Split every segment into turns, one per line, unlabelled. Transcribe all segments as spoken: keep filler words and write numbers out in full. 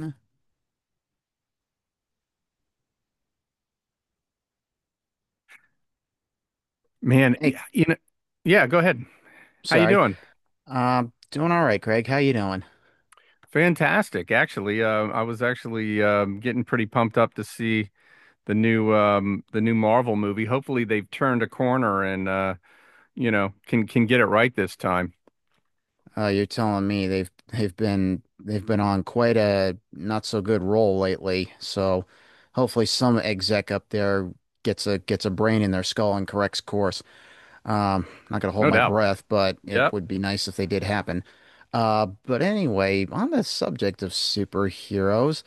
Uh,
Man,
Hey,
yeah, you know, yeah, go ahead. How you
sorry.
doing?
Um, doing all right, Craig. How you doing?
Fantastic, actually. Uh, I was actually um, getting pretty pumped up to see the new um, the new Marvel movie. Hopefully, they've turned a corner and uh, you know can can get it right this time.
Uh, you're telling me they've they've been they've been on quite a not so good roll lately. So hopefully some exec up there gets a gets a brain in their skull and corrects course. Um, not gonna hold
No
my
doubt.
breath, but it
Yep.
would be nice if they did happen. Uh, but anyway, on the subject of superheroes,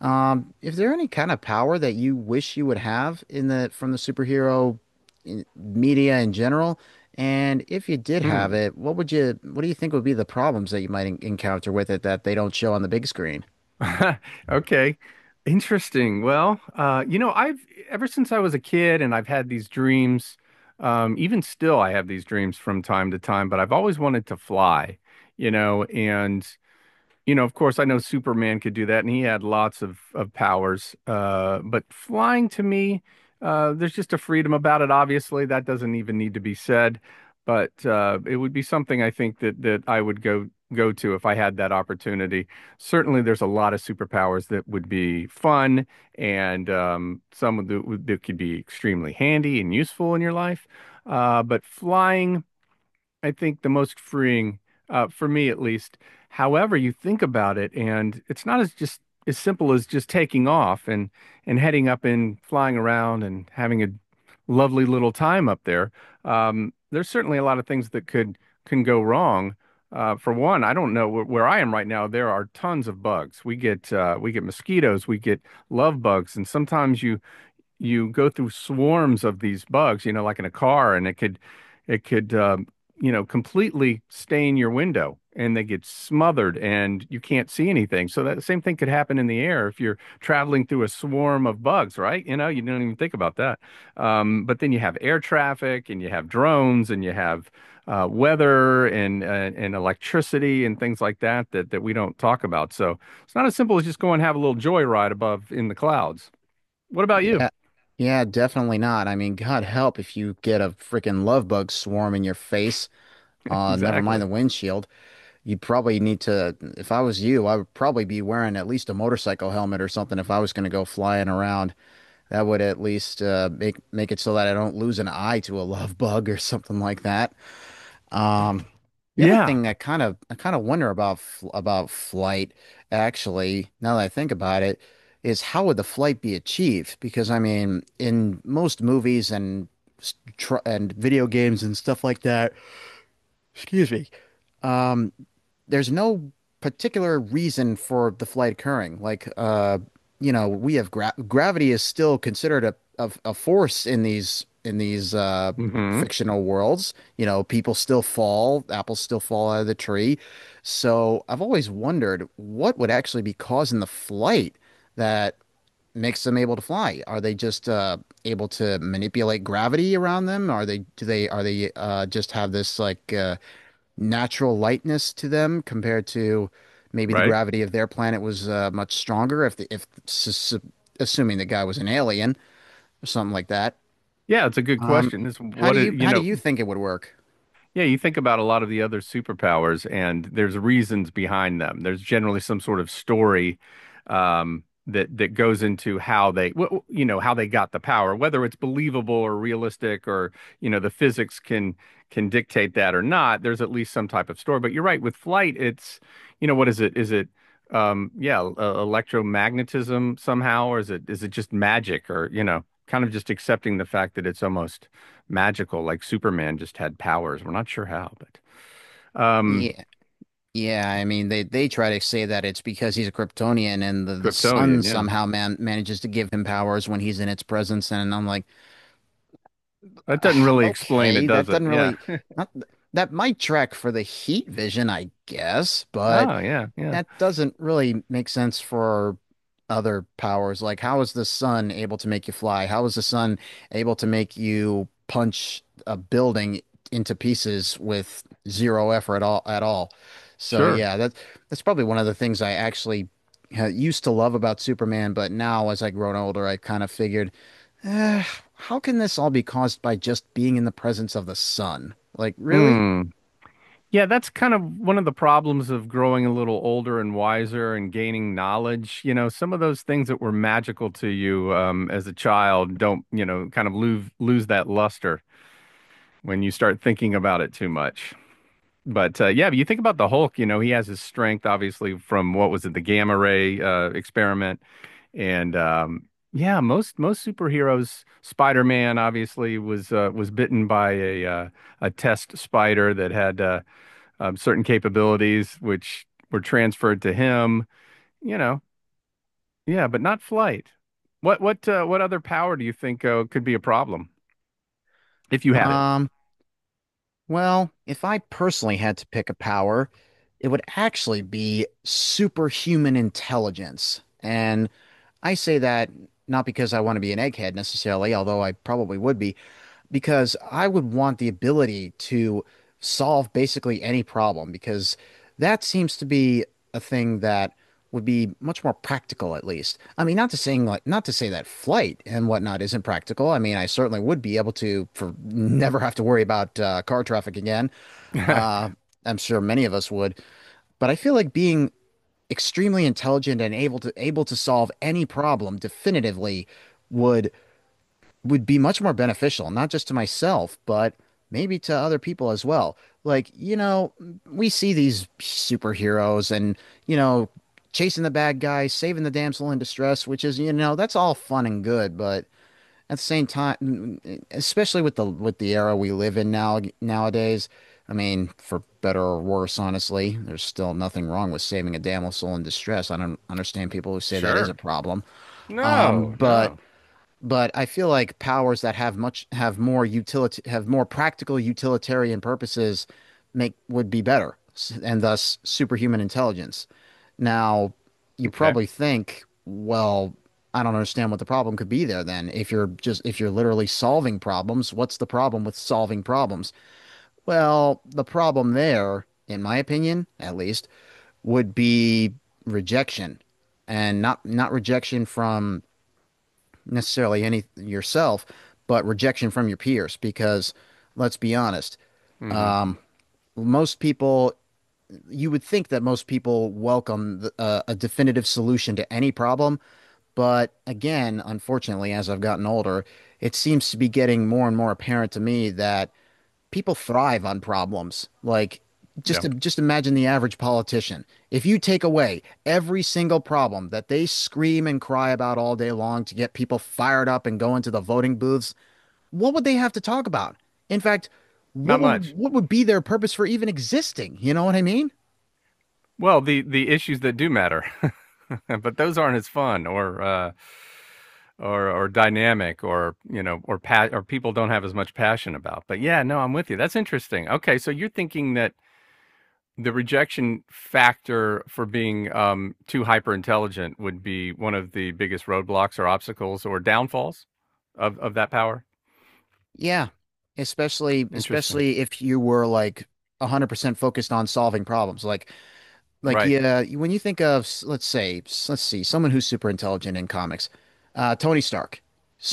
um, if there any kind of power that you wish you would have in the from the superhero in- media in general, and if you did have
Hmm.
it, what would you what do you think would be the problems that you might en- encounter with it that they don't show on the big screen?
Okay. Interesting. Well, uh, you know, I've ever since I was a kid, and I've had these dreams. Um, even still, I have these dreams from time to time, but I've always wanted to fly. You know, and you know, of course, I know Superman could do that, and he had lots of of powers. Uh, but flying to me, uh, there's just a freedom about it. Obviously, that doesn't even need to be said. But uh, it would be something I think that that I would go go to if I had that opportunity. Certainly, there's a lot of superpowers that would be fun, and um, some of the, that could be extremely handy and useful in your life. Uh, but flying. I think the most freeing, uh, for me at least. However, you think about it, and it's not as just as simple as just taking off and and heading up and flying around and having a lovely little time up there. Um, there's certainly a lot of things that could can go wrong. Uh, for one, I don't know where, where I am right now. There are tons of bugs. We get uh, we get mosquitoes, we get love bugs, and sometimes you you go through swarms of these bugs, you know, like in a car, and it could it could um, you know completely stain your window, and they get smothered, and you can't see anything. So that same thing could happen in the air if you're traveling through a swarm of bugs, right? You know, you don't even think about that. Um, but then you have air traffic, and you have drones, and you have uh, weather and uh, and electricity and things like that that that we don't talk about. So it's not as simple as just go and have a little joyride above in the clouds. What about you?
Yeah. Yeah, definitely not. I mean, God help if you get a freaking love bug swarm in your face. Uh, never mind the
Exactly.
windshield. You'd probably need to, if I was you, I would probably be wearing at least a motorcycle helmet or something if I was going to go flying around. That would at least uh, make make it so that I don't lose an eye to a love bug or something like that. Um, the other
Yeah.
thing that kind of I kind of wonder about fl- about flight, actually, now that I think about it, is how would the flight be achieved? Because I mean, in most movies and s- tr- and video games and stuff like that, excuse me, um, there's no particular reason for the flight occurring. Like, uh, you know, we have gra gravity is still considered a, a a force in these in these uh,
Hmm.
fictional worlds. You know, people still fall, apples still fall out of the tree. So I've always wondered what would actually be causing the flight that makes them able to fly. Are they just uh, able to manipulate gravity around them? Are they do they are they uh, just have this like uh, natural lightness to them compared to maybe the
Right.
gravity of their planet was uh, much stronger if the, if assuming the guy was an alien or something like that.
Yeah, it's a good
Um,
question. It's
how
what
do
it,
you
you
how do
know,
you think it would work?
Yeah, you think about a lot of the other superpowers, and there's reasons behind them. There's generally some sort of story um, that that goes into how they, wh- you know, how they got the power, whether it's believable or realistic, or you know, the physics can can dictate that or not. There's at least some type of story. But you're right, with flight, it's, you know, what is it? Is it, um, yeah, uh, electromagnetism somehow, or is it is it just magic, or you know, kind of just accepting the fact that it's almost magical, like Superman just had powers. We're not sure how, but um,
Yeah, yeah. I mean, they they try to say that it's because he's a Kryptonian and the the sun
Kryptonian, yeah.
somehow man manages to give him powers when he's in its presence. And I'm like,
That
"Ugh,
doesn't really explain it,
okay, that
does it?
doesn't
Yeah.
really not that might track for the heat vision, I guess, but.
Oh, yeah, yeah.
That doesn't really make sense for other powers. Like, how is the sun able to make you fly? How is the sun able to make you punch a building into pieces with zero effort at all at all? So
Sure.
yeah, that's that's probably one of the things I actually uh, used to love about Superman, but now as I grown older, I kind of figured, eh, how can this all be caused by just being in the presence of the sun? Like, really?
Hmm. Yeah, that's kind of one of the problems of growing a little older and wiser and gaining knowledge. You know, some of those things that were magical to you um, as a child don't, you know, kind of lose lose that luster when you start thinking about it too much. But uh, yeah, but you think about the Hulk, you know, he has his strength obviously from what was it, the gamma ray uh, experiment. And um, yeah, most most superheroes, Spider-Man obviously was uh, was bitten by a uh, a test spider that had uh, um, certain capabilities which were transferred to him. You know, yeah, but not flight. What what uh, what other power do you think uh, could be a problem if you had it?
Um, Well, if I personally had to pick a power, it would actually be superhuman intelligence. And I say that not because I want to be an egghead necessarily, although I probably would be, because I would want the ability to solve basically any problem because that seems to be a thing that would be much more practical at least. I mean, not to saying like not to say that flight and whatnot isn't practical. I mean, I certainly would be able to for never have to worry about uh, car traffic again. Uh, I'm sure many of us would, but I feel like being extremely intelligent and able to able to solve any problem definitively would would be much more beneficial, not just to myself, but maybe to other people as well. Like, you know, we see these superheroes and, you know, chasing the bad guy, saving the damsel in distress, which is, you know, that's all fun and good, but at the same time, especially with the with the era we live in now nowadays, I mean, for better or worse, honestly, there's still nothing wrong with saving a damsel in distress. I don't understand people who say that is a
Sure.
problem,
No,
but
no.
but I feel like powers that have much have more utility have more practical utilitarian purposes make would be better, s- and thus superhuman intelligence. Now, you
Okay.
probably think, well, I don't understand what the problem could be there then. If you're just if you're literally solving problems, what's the problem with solving problems? Well, the problem there, in my opinion, at least, would be rejection and not not rejection from necessarily any yourself, but rejection from your peers. Because let's be honest,
Mhm.
most people, you would think that most people welcome the, uh, a definitive solution to any problem. But again, unfortunately, as I've gotten older, it seems to be getting more and more apparent to me that people thrive on problems. Like,
Yeah.
just just imagine the average politician. If you take away every single problem that they scream and cry about all day long to get people fired up and go into the voting booths, what would they have to talk about? In fact, what
Not
would
much.
what would be their purpose for even existing? You know what I mean?
Well, the the issues that do matter, but those aren't as fun or uh, or or dynamic or you know or pa- or people don't have as much passion about. But yeah, no, I'm with you. That's interesting. Okay, so you're thinking that the rejection factor for being um, too hyper intelligent would be one of the biggest roadblocks or obstacles or downfalls of of that power.
Yeah. Especially
Interesting.
especially if you were like one hundred percent focused on solving problems. Like Like
Right.
yeah, when you think of s- let's say s- let's see someone who's super intelligent in comics, uh, Tony Stark.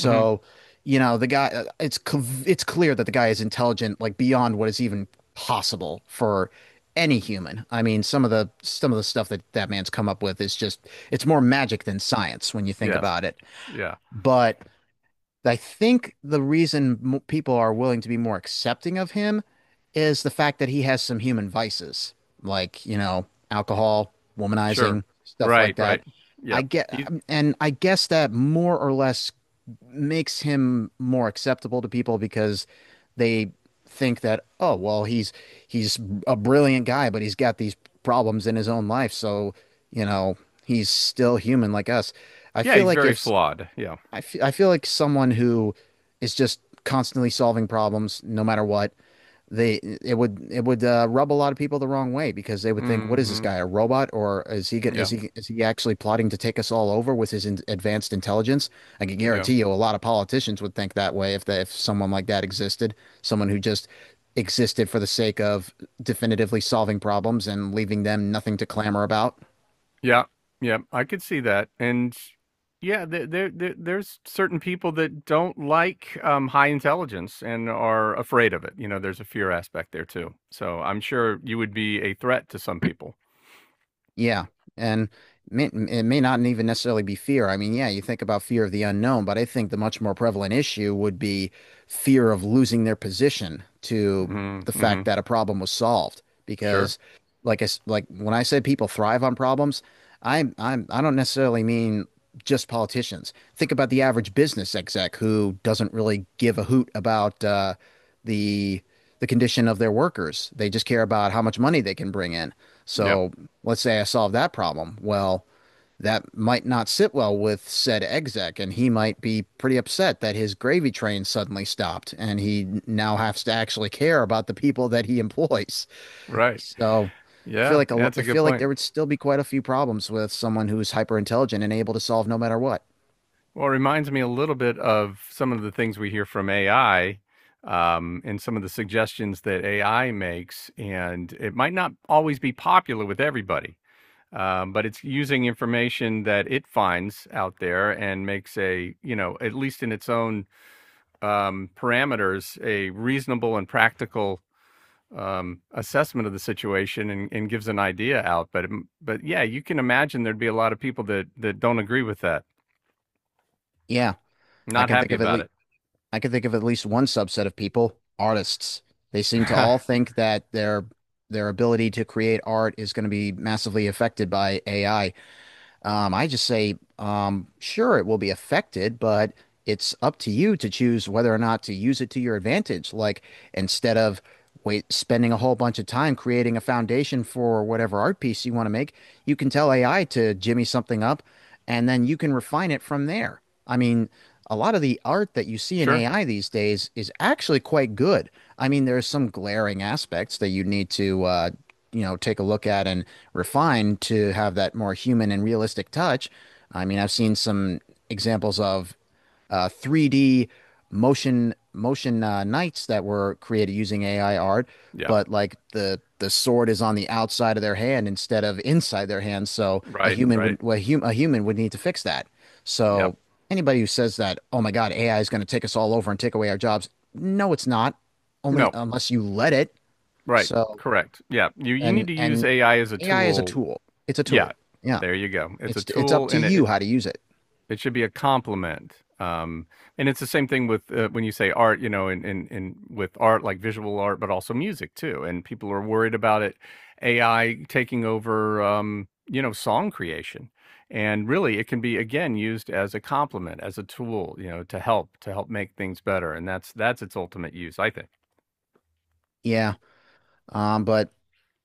Hmm.
you know the guy. Uh, It's cl- it's clear that the guy is intelligent like beyond what is even possible for any human. I mean, some of the some of the stuff that that man's come up with is just it's more magic than science when you think
Yes.
about it.
Yeah.
But I think the reason mo people are willing to be more accepting of him is the fact that he has some human vices, like, you know, alcohol,
Sure.
womanizing, stuff
Right.
like that.
Right.
I
Yeah.
get,
He's
and I guess that more or less makes him more acceptable to people because they think that, oh, well, he's he's a brilliant guy, but he's got these problems in his own life, so, you know, he's still human like us. I
yeah.
feel
He's
like
very
if
flawed. Yeah.
I feel, I feel like someone who is just constantly solving problems, no matter what, they it would it would uh, rub a lot of people the wrong way because they would think, what is this
Mhm.
guy, a robot, or is he going is
Yeah,
he is he actually plotting to take us all over with his in advanced intelligence? I can
yeah.
guarantee you, a lot of politicians would think that way if the, if someone like that existed, someone who just existed for the sake of definitively solving problems and leaving them nothing to clamor about.
Yeah, yeah, I could see that, and yeah, there there there there's certain people that don't like, um, high intelligence and are afraid of it, you know, there's a fear aspect there too, so I'm sure you would be a threat to some people.
Yeah. And may, it may not even necessarily be fear. I mean, yeah, you think about fear of the unknown, but I think the much more prevalent issue would be fear of losing their position to
Mhm,
the fact
mhm.
that a problem was solved.
Sure.
Because, like I, s- like when I said people thrive on problems, I'm, I'm, I don't necessarily mean just politicians. Think about the average business exec who doesn't really give a hoot about uh, the the condition of their workers. They just care about how much money they can bring in.
Yep.
So let's say I solve that problem. Well, that might not sit well with said exec, and he might be pretty upset that his gravy train suddenly stopped, and he now has to actually care about the people that he employs.
Right.
So
Yeah,
I feel
yeah.
like a lo-
That's a
I
good
feel like there
point.
would still be quite a few problems with someone who's hyper intelligent and able to solve no matter what.
Well, it reminds me a little bit of some of the things we hear from A I, um, and some of the suggestions that A I makes. And it might not always be popular with everybody, um, but it's using information that it finds out there and makes a, you know, at least in its own um, parameters, a reasonable and practical um assessment of the situation and, and gives an idea out but it- but yeah you can imagine there'd be a lot of people that that don't agree with that,
Yeah, I
not
can think
happy
of at
about
least.
it.
I can think of at least one subset of people, artists. They seem to all think that their their ability to create art is going to be massively affected by A I. Um, I just say, um, sure, it will be affected, but it's up to you to choose whether or not to use it to your advantage. Like instead of wait, spending a whole bunch of time creating a foundation for whatever art piece you want to make, you can tell A I to jimmy something up, and then you can refine it from there. I mean, a lot of the art that you see in
Sure.
A I these days is actually quite good. I mean, there's some glaring aspects that you need to uh, you know, take a look at and refine to have that more human and realistic touch. I mean, I've seen some examples of uh, three D motion motion uh, knights that were created using A I art,
Yeah.
but like the the sword is on the outside of their hand instead of inside their hand, so a
Right,
human
right.
would well, a, hum, a human would need to fix that.
Yep.
So anybody who says that, oh my God, A I is going to take us all over and take away our jobs, no, it's not. Only
No.
unless you let it.
Right.
So
Correct. Yeah. You you
and
need to use
and
A I as a
A I is a
tool.
tool. It's a
Yeah.
tool. Yeah.
There you go. It's a
It's it's up
tool
to
and
you
it
how to use it.
it should be a complement. Um, and it's the same thing with uh, when you say art, you know, and in, in, in with art like visual art, but also music too. And people are worried about it, A I taking over, um, you know, song creation. And really, it can be again used as a complement, as a tool, you know, to help to help make things better. And that's that's its ultimate use, I think.
Yeah. Um, but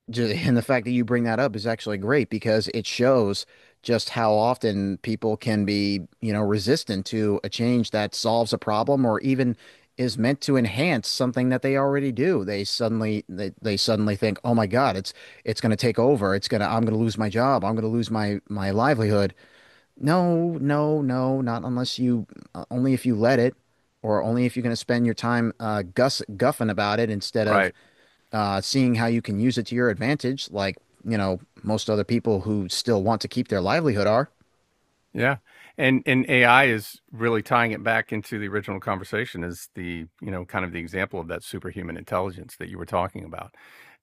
ju- and the fact that you bring that up is actually great because it shows just how often people can be, you know, resistant to a change that solves a problem or even is meant to enhance something that they already do. They suddenly they, they suddenly think, "Oh my God, it's it's going to take over. It's going to I'm going to lose my job. I'm going to lose my my livelihood." No, no, no, not unless you, uh, only if you let it, or only if you're going to spend your time uh, guss guffing about it instead of
Right.
uh, seeing how you can use it to your advantage, like, you know, most other people who still want to keep their livelihood are.
Yeah. And and A I is really tying it back into the original conversation is the, you know, kind of the example of that superhuman intelligence that you were talking about.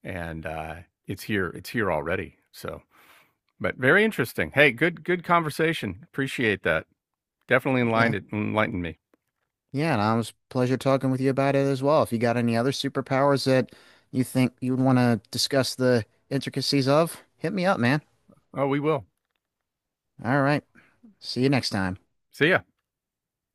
And uh it's here, it's here already. So, but very interesting. Hey, good good conversation. Appreciate that. Definitely
Yeah.
enlightened enlightened me.
Yeah, and it was a pleasure talking with you about it as well. If you got any other superpowers that you think you would want to discuss the intricacies of, hit me up, man.
Oh, we will.
All right. See you next time.
See ya.